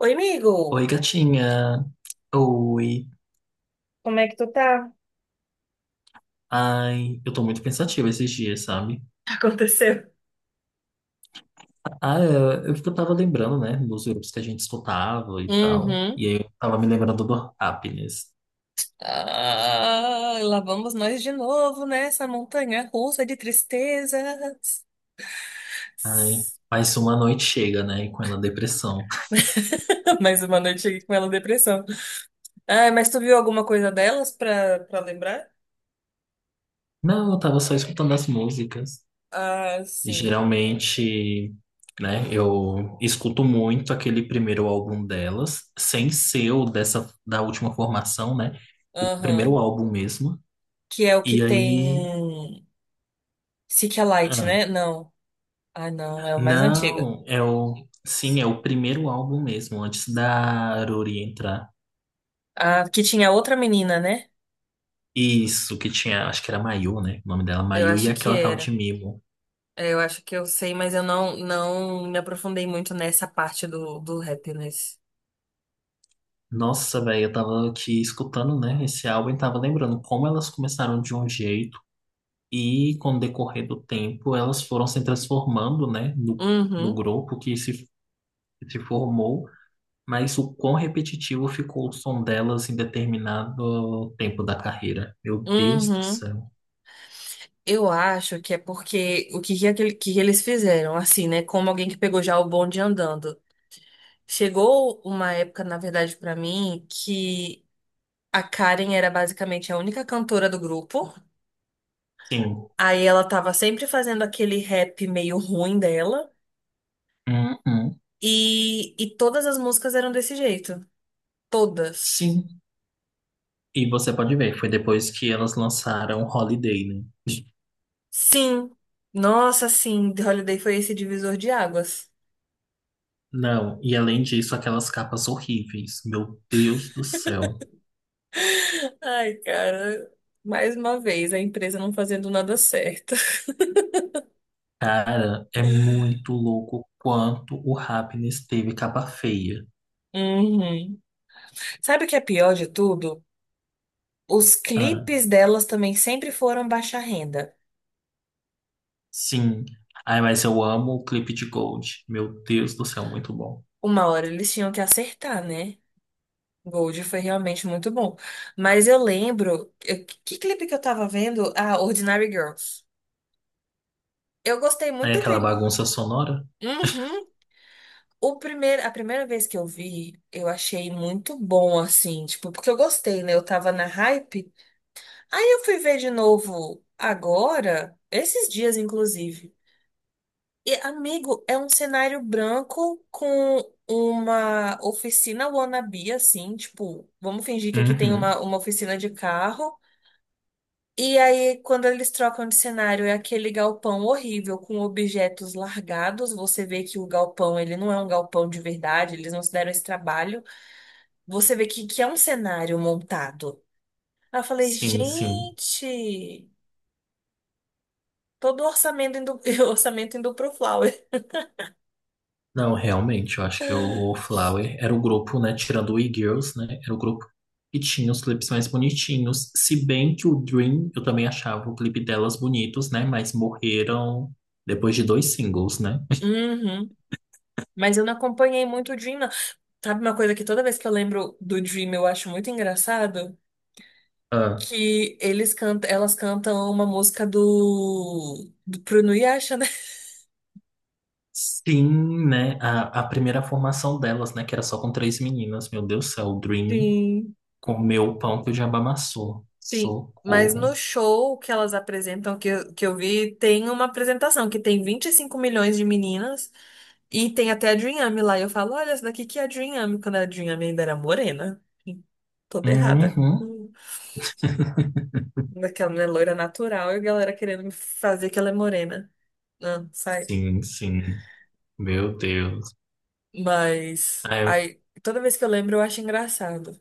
Oi, Oi, amigo. gatinha. Oi. Como é que tu tá? Ai, eu tô muito pensativa esses dias, sabe? Aconteceu? Ah, eu que eu tava lembrando, né, dos grupos que a gente escutava e tal. Uhum. E aí eu tava me lembrando do Happiness. Ah, lá vamos nós de novo nessa montanha russa de tristezas. Ai, mais uma noite chega, né, e com ela depressão. Mais uma noite aqui com ela depressão. Ah, mas tu viu alguma coisa delas pra lembrar? Não, eu tava só escutando as músicas. Ah, sim. Geralmente, né, eu escuto muito aquele primeiro álbum delas, sem ser o dessa, da última formação, né? O primeiro Aham. álbum mesmo. Que é o que E aí. tem Seek a Light, Ah, né? Não. Ah, não, é o mais antiga. não, é o. Sim, é o primeiro álbum mesmo, antes da Aruri entrar. Ah, que tinha outra menina, né? Isso, que tinha, acho que era Mayu, né? O nome dela, Eu Mayu, e acho que aquela tal era. de Mimo. É, eu acho que eu sei, mas eu não me aprofundei muito nessa parte do happiness. Nossa, velho, eu tava aqui escutando, né, esse álbum e tava lembrando como elas começaram de um jeito e, com o decorrer do tempo, elas foram se transformando, né, no, no Uhum, grupo que se formou, mas o quão repetitivo ficou o som delas em determinado tempo da carreira. Meu Deus do uhum. céu. Eu acho que é porque o que, que, aquele- que eles fizeram, assim, né? Como alguém que pegou já o bonde andando. Chegou uma época, na verdade, pra mim, que a Karen era basicamente a única cantora do grupo. Sim. Aí ela tava sempre fazendo aquele rap meio ruim dela. Uhum. E todas as músicas eram desse jeito. Todas. Sim, e você pode ver, foi depois que elas lançaram Holiday, né? Sim. Nossa, sim, The Holiday foi esse divisor de águas. Não, e além disso, aquelas capas horríveis. Meu Deus do céu. Ai, cara, mais uma vez, a empresa não fazendo nada certo. Cara, é muito louco quanto o Happiness teve capa feia. Uhum. Sabe o que é pior de tudo? Os Ah, clipes delas também sempre foram baixa renda. sim. Ai, mas eu amo o clipe de Gold. Meu Deus do céu, muito bom. Uma hora eles tinham que acertar, né? Gold foi realmente muito bom. Mas eu lembro. Que clipe que eu tava vendo? Ah, Ordinary Girls. Eu gostei muito Aí do aquela clipe. bagunça sonora? Uhum. A primeira vez que eu vi, eu achei muito bom, assim, tipo, porque eu gostei, né? Eu tava na hype. Aí eu fui ver de novo agora, esses dias, inclusive. E, amigo, é um cenário branco com uma oficina wannabe, assim, tipo, vamos fingir que aqui tem Uhum. uma oficina de carro. E aí, quando eles trocam de cenário, é aquele galpão horrível com objetos largados. Você vê que o galpão, ele não é um galpão de verdade, eles não se deram esse trabalho. Você vê que é um cenário montado. Aí eu falei, Sim, sim. gente, todo o orçamento indo, o orçamento indo pro Flower. Não, realmente, eu acho que o Flower era o grupo, né, tirando o E-Girls, né, era o grupo que tinha os clipes mais bonitinhos, se bem que o Dream, eu também achava o clipe delas bonitos, né, mas morreram depois de dois singles, né. Uhum. Mas eu não acompanhei muito o Dream, não. Sabe uma coisa que toda vez que eu lembro do Dream eu acho muito engraçado? Ah, Elas cantam uma música do Bruno Yasha, né? sim, né, a primeira formação delas, né, que era só com três meninas, meu Deus do céu, o Dream Sim, comeu o pão que o diabo amassou, sim. Mas no socorro. show que elas apresentam, que eu vi, tem uma apresentação que tem 25 milhões de meninas. E tem até a Dream lá. E eu falo, olha, essa daqui que é a Dream quando a Dream ainda era morena. Toda errada. Uhum, Hum. Daquela mulher loira natural e a galera querendo me fazer que ela é morena. Não, sai. sim, sim, meu Deus. Mas aí, toda vez que eu lembro, eu acho engraçado.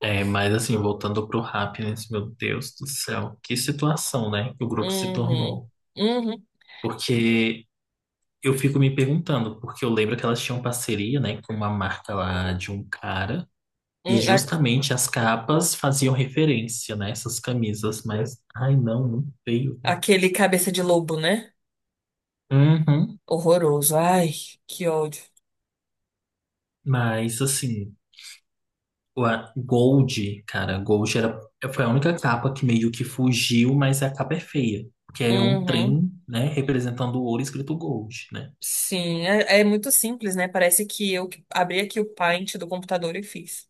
É, mas assim, voltando pro Happiness, meu Deus do céu, que situação, né, que o grupo se Uhum. tornou. Uhum. Porque eu fico me perguntando, porque eu lembro que elas tinham parceria, né, com uma marca lá de um cara, Hum, e a- justamente as capas faziam referência, né, essas camisas, mas, ai não, muito feio, velho. aquele cabeça de lobo, né? Uhum, Horroroso. Ai, que ódio. mas assim, o a Gold, cara, Gold era, foi a única capa que meio que fugiu, mas a capa é feia. Que é um Uhum. trem, né, representando o ouro escrito Gold, né? Sim, é muito simples, né? Parece que eu que abri aqui o Paint do computador e fiz.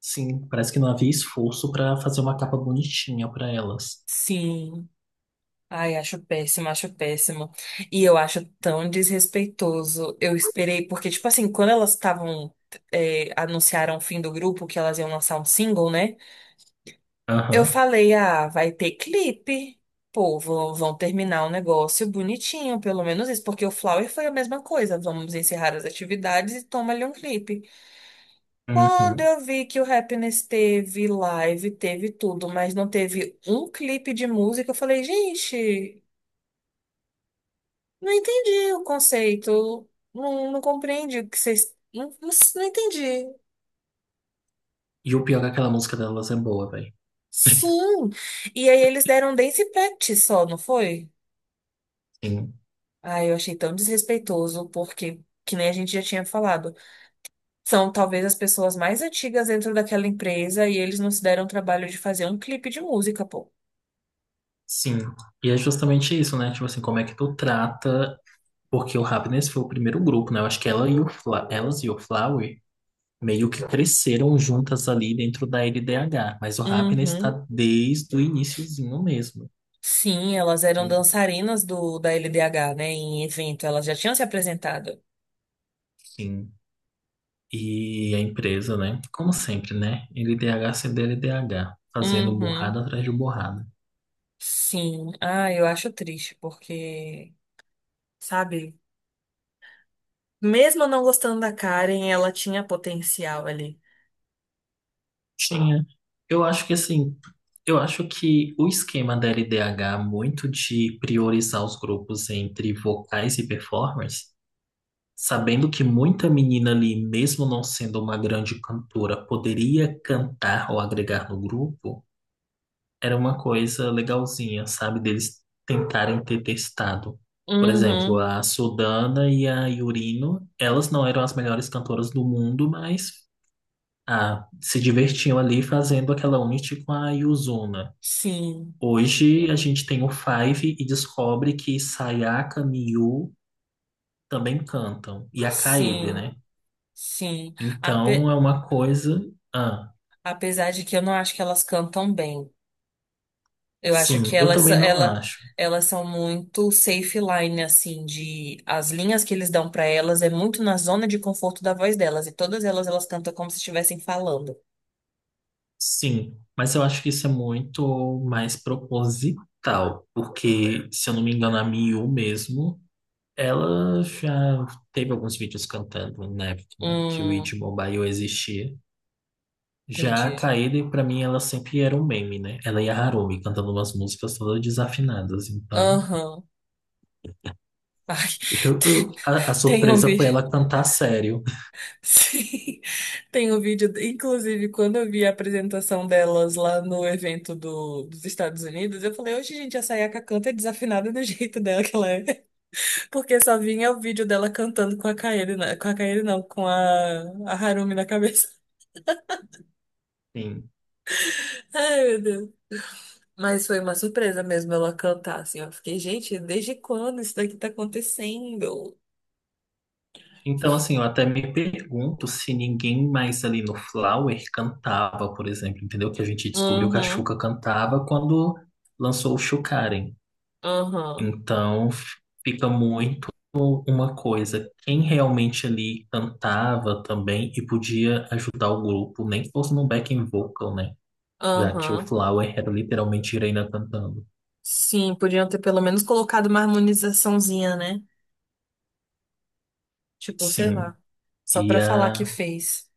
Sim, parece que não havia esforço pra fazer uma capa bonitinha pra elas. Sim. Ai, acho péssimo, acho péssimo. E eu acho tão desrespeitoso. Eu esperei, porque, tipo assim, quando elas estavam, anunciaram o fim do grupo, que elas iam lançar um single, né? Eu Aham. falei, ah, vai ter clipe. Pô, vão terminar o negócio bonitinho, pelo menos isso, porque o Flower foi a mesma coisa. Vamos encerrar as atividades e toma ali um clipe. Quando Uhum. eu vi que o Happiness teve live, teve tudo, mas não teve um clipe de música, eu falei, gente. Não entendi o conceito. Não, compreendi o que vocês. Não, não entendi. E o pior é que aquela música delas é boa, velho. Sim. E aí eles deram um dance practice só, não foi? Sim. Ah, eu achei tão desrespeitoso, porque, que nem a gente já tinha falado, são talvez as pessoas mais antigas dentro daquela empresa e eles não se deram o trabalho de fazer um clipe de música, pô. Sim. E é justamente isso, né? Tipo assim, como é que tu trata. Porque o Happiness foi o primeiro grupo, né? Eu acho que elas e o Flower meio que cresceram juntas ali dentro da LDH. Mas o Happiness Uhum. tá desde o iniciozinho mesmo. Sim, elas eram dançarinas do da LDH, né? Em evento, elas já tinham se apresentado. Sim. E a empresa, né? Como sempre, né? LDH, CDL, LDH, fazendo Uhum. borrada atrás de borrada. Sim. Ah, eu acho triste, porque sabe? Mesmo não gostando da Karen, ela tinha potencial ali. Tinha. Eu acho que assim, eu acho que o esquema da LDH, muito de priorizar os grupos entre vocais e performers, sabendo que muita menina ali, mesmo não sendo uma grande cantora, poderia cantar ou agregar no grupo. Era uma coisa legalzinha, sabe? Deles tentarem ter testado. Por exemplo, Uhum, a Sudana e a Yurino, elas não eram as melhores cantoras do mundo, mas ah, se divertiam ali fazendo aquela unity com a Yuzuna. sim, Hoje a gente tem o Five e descobre que Sayaka, Miyu também cantam, e a Kaede, sim, né? sim. Então Ape- é uma coisa. Ah, apesar de que eu não acho que elas cantam bem. Eu acho sim, que eu elas, também não ela, acho. elas são muito safe line, assim, de as linhas que eles dão pra elas é muito na zona de conforto da voz delas. E todas elas cantam como se estivessem falando. Sim, mas eu acho que isso é muito mais proposital, porque, se eu não me engano, a Miu mesmo, ela já teve alguns vídeos cantando na época né, que o Hum, It Mobile existia. Já a entendi. Kaede, pra mim, ela sempre era um meme, né? Ela e a Harumi cantando umas músicas todas desafinadas. Então, Aham. Ai, tem, a tem um surpresa foi vídeo. ela cantar sério. Sim, tem um vídeo. Inclusive, quando eu vi a apresentação delas lá no evento dos Estados Unidos, eu falei, hoje, gente, a Sayaka canta é desafinada do jeito dela que ela é. Porque só vinha o vídeo dela cantando com a Kaede, com a Kaede não, com a Harumi na cabeça. Sim. Ai, meu Deus. Mas foi uma surpresa mesmo ela cantar, assim. Eu fiquei, gente, desde quando isso daqui tá acontecendo? Então, assim, eu até me pergunto se ninguém mais ali no Flower cantava, por exemplo, entendeu? Que a gente descobriu que a Uhum, Xuca cantava quando lançou o Xucaren. uhum, Então, fica muito uma coisa, quem realmente ali cantava também e podia ajudar o grupo, nem que fosse num backing vocal, né? Já que o uhum. Flower era literalmente Irena cantando. Sim, podiam ter pelo menos colocado uma harmonizaçãozinha, né? Tipo, sei Sim. lá. Só E pra falar que a fez.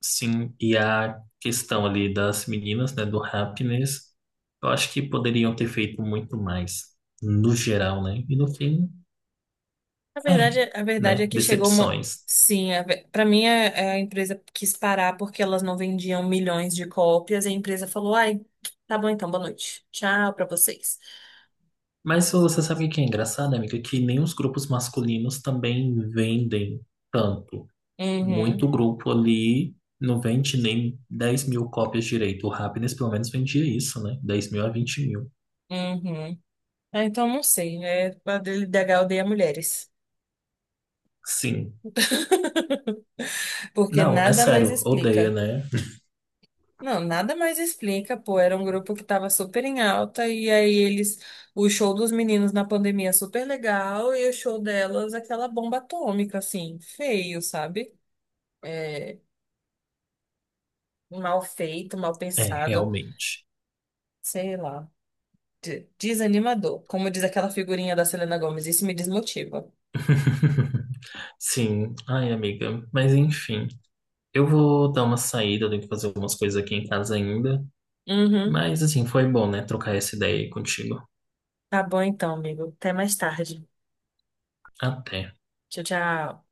Sim, e a questão ali das meninas, né, do happiness, eu acho que poderiam ter feito muito mais, no geral, né? E no fim, A verdade, ai, é- a verdade é né, que chegou uma. decepções. Sim, pra mim a empresa quis parar porque elas não vendiam milhões de cópias e a empresa falou: ai, tá bom então, boa noite. Tchau pra vocês. Mas você sabe o que é engraçado, amiga? Que nem os grupos masculinos também vendem tanto. Muito Uhum, grupo ali não vende nem 10 mil cópias direito. O happiness pelo menos vendia isso, né? 10 mil a 20 mil. uhum. Ah, então não sei. É, a DHL odeia mulheres. Sim. Porque Não, é nada mais sério, odeia, explica. né? Não, nada mais explica, pô. Era um grupo que tava super em alta, e aí eles. O show dos meninos na pandemia é super legal, e o show delas, aquela bomba atômica, assim, feio, sabe? É, mal feito, mal É, pensado, realmente. sei lá. Desanimador. Como diz aquela figurinha da Selena Gomez, isso me desmotiva. Sim, ai amiga, mas enfim, eu vou dar uma saída, eu tenho que fazer algumas coisas aqui em casa ainda, Uhum. mas assim, foi bom, né, trocar essa ideia aí contigo. Tá bom então, amigo. Até mais tarde. Até. Tchau, tchau.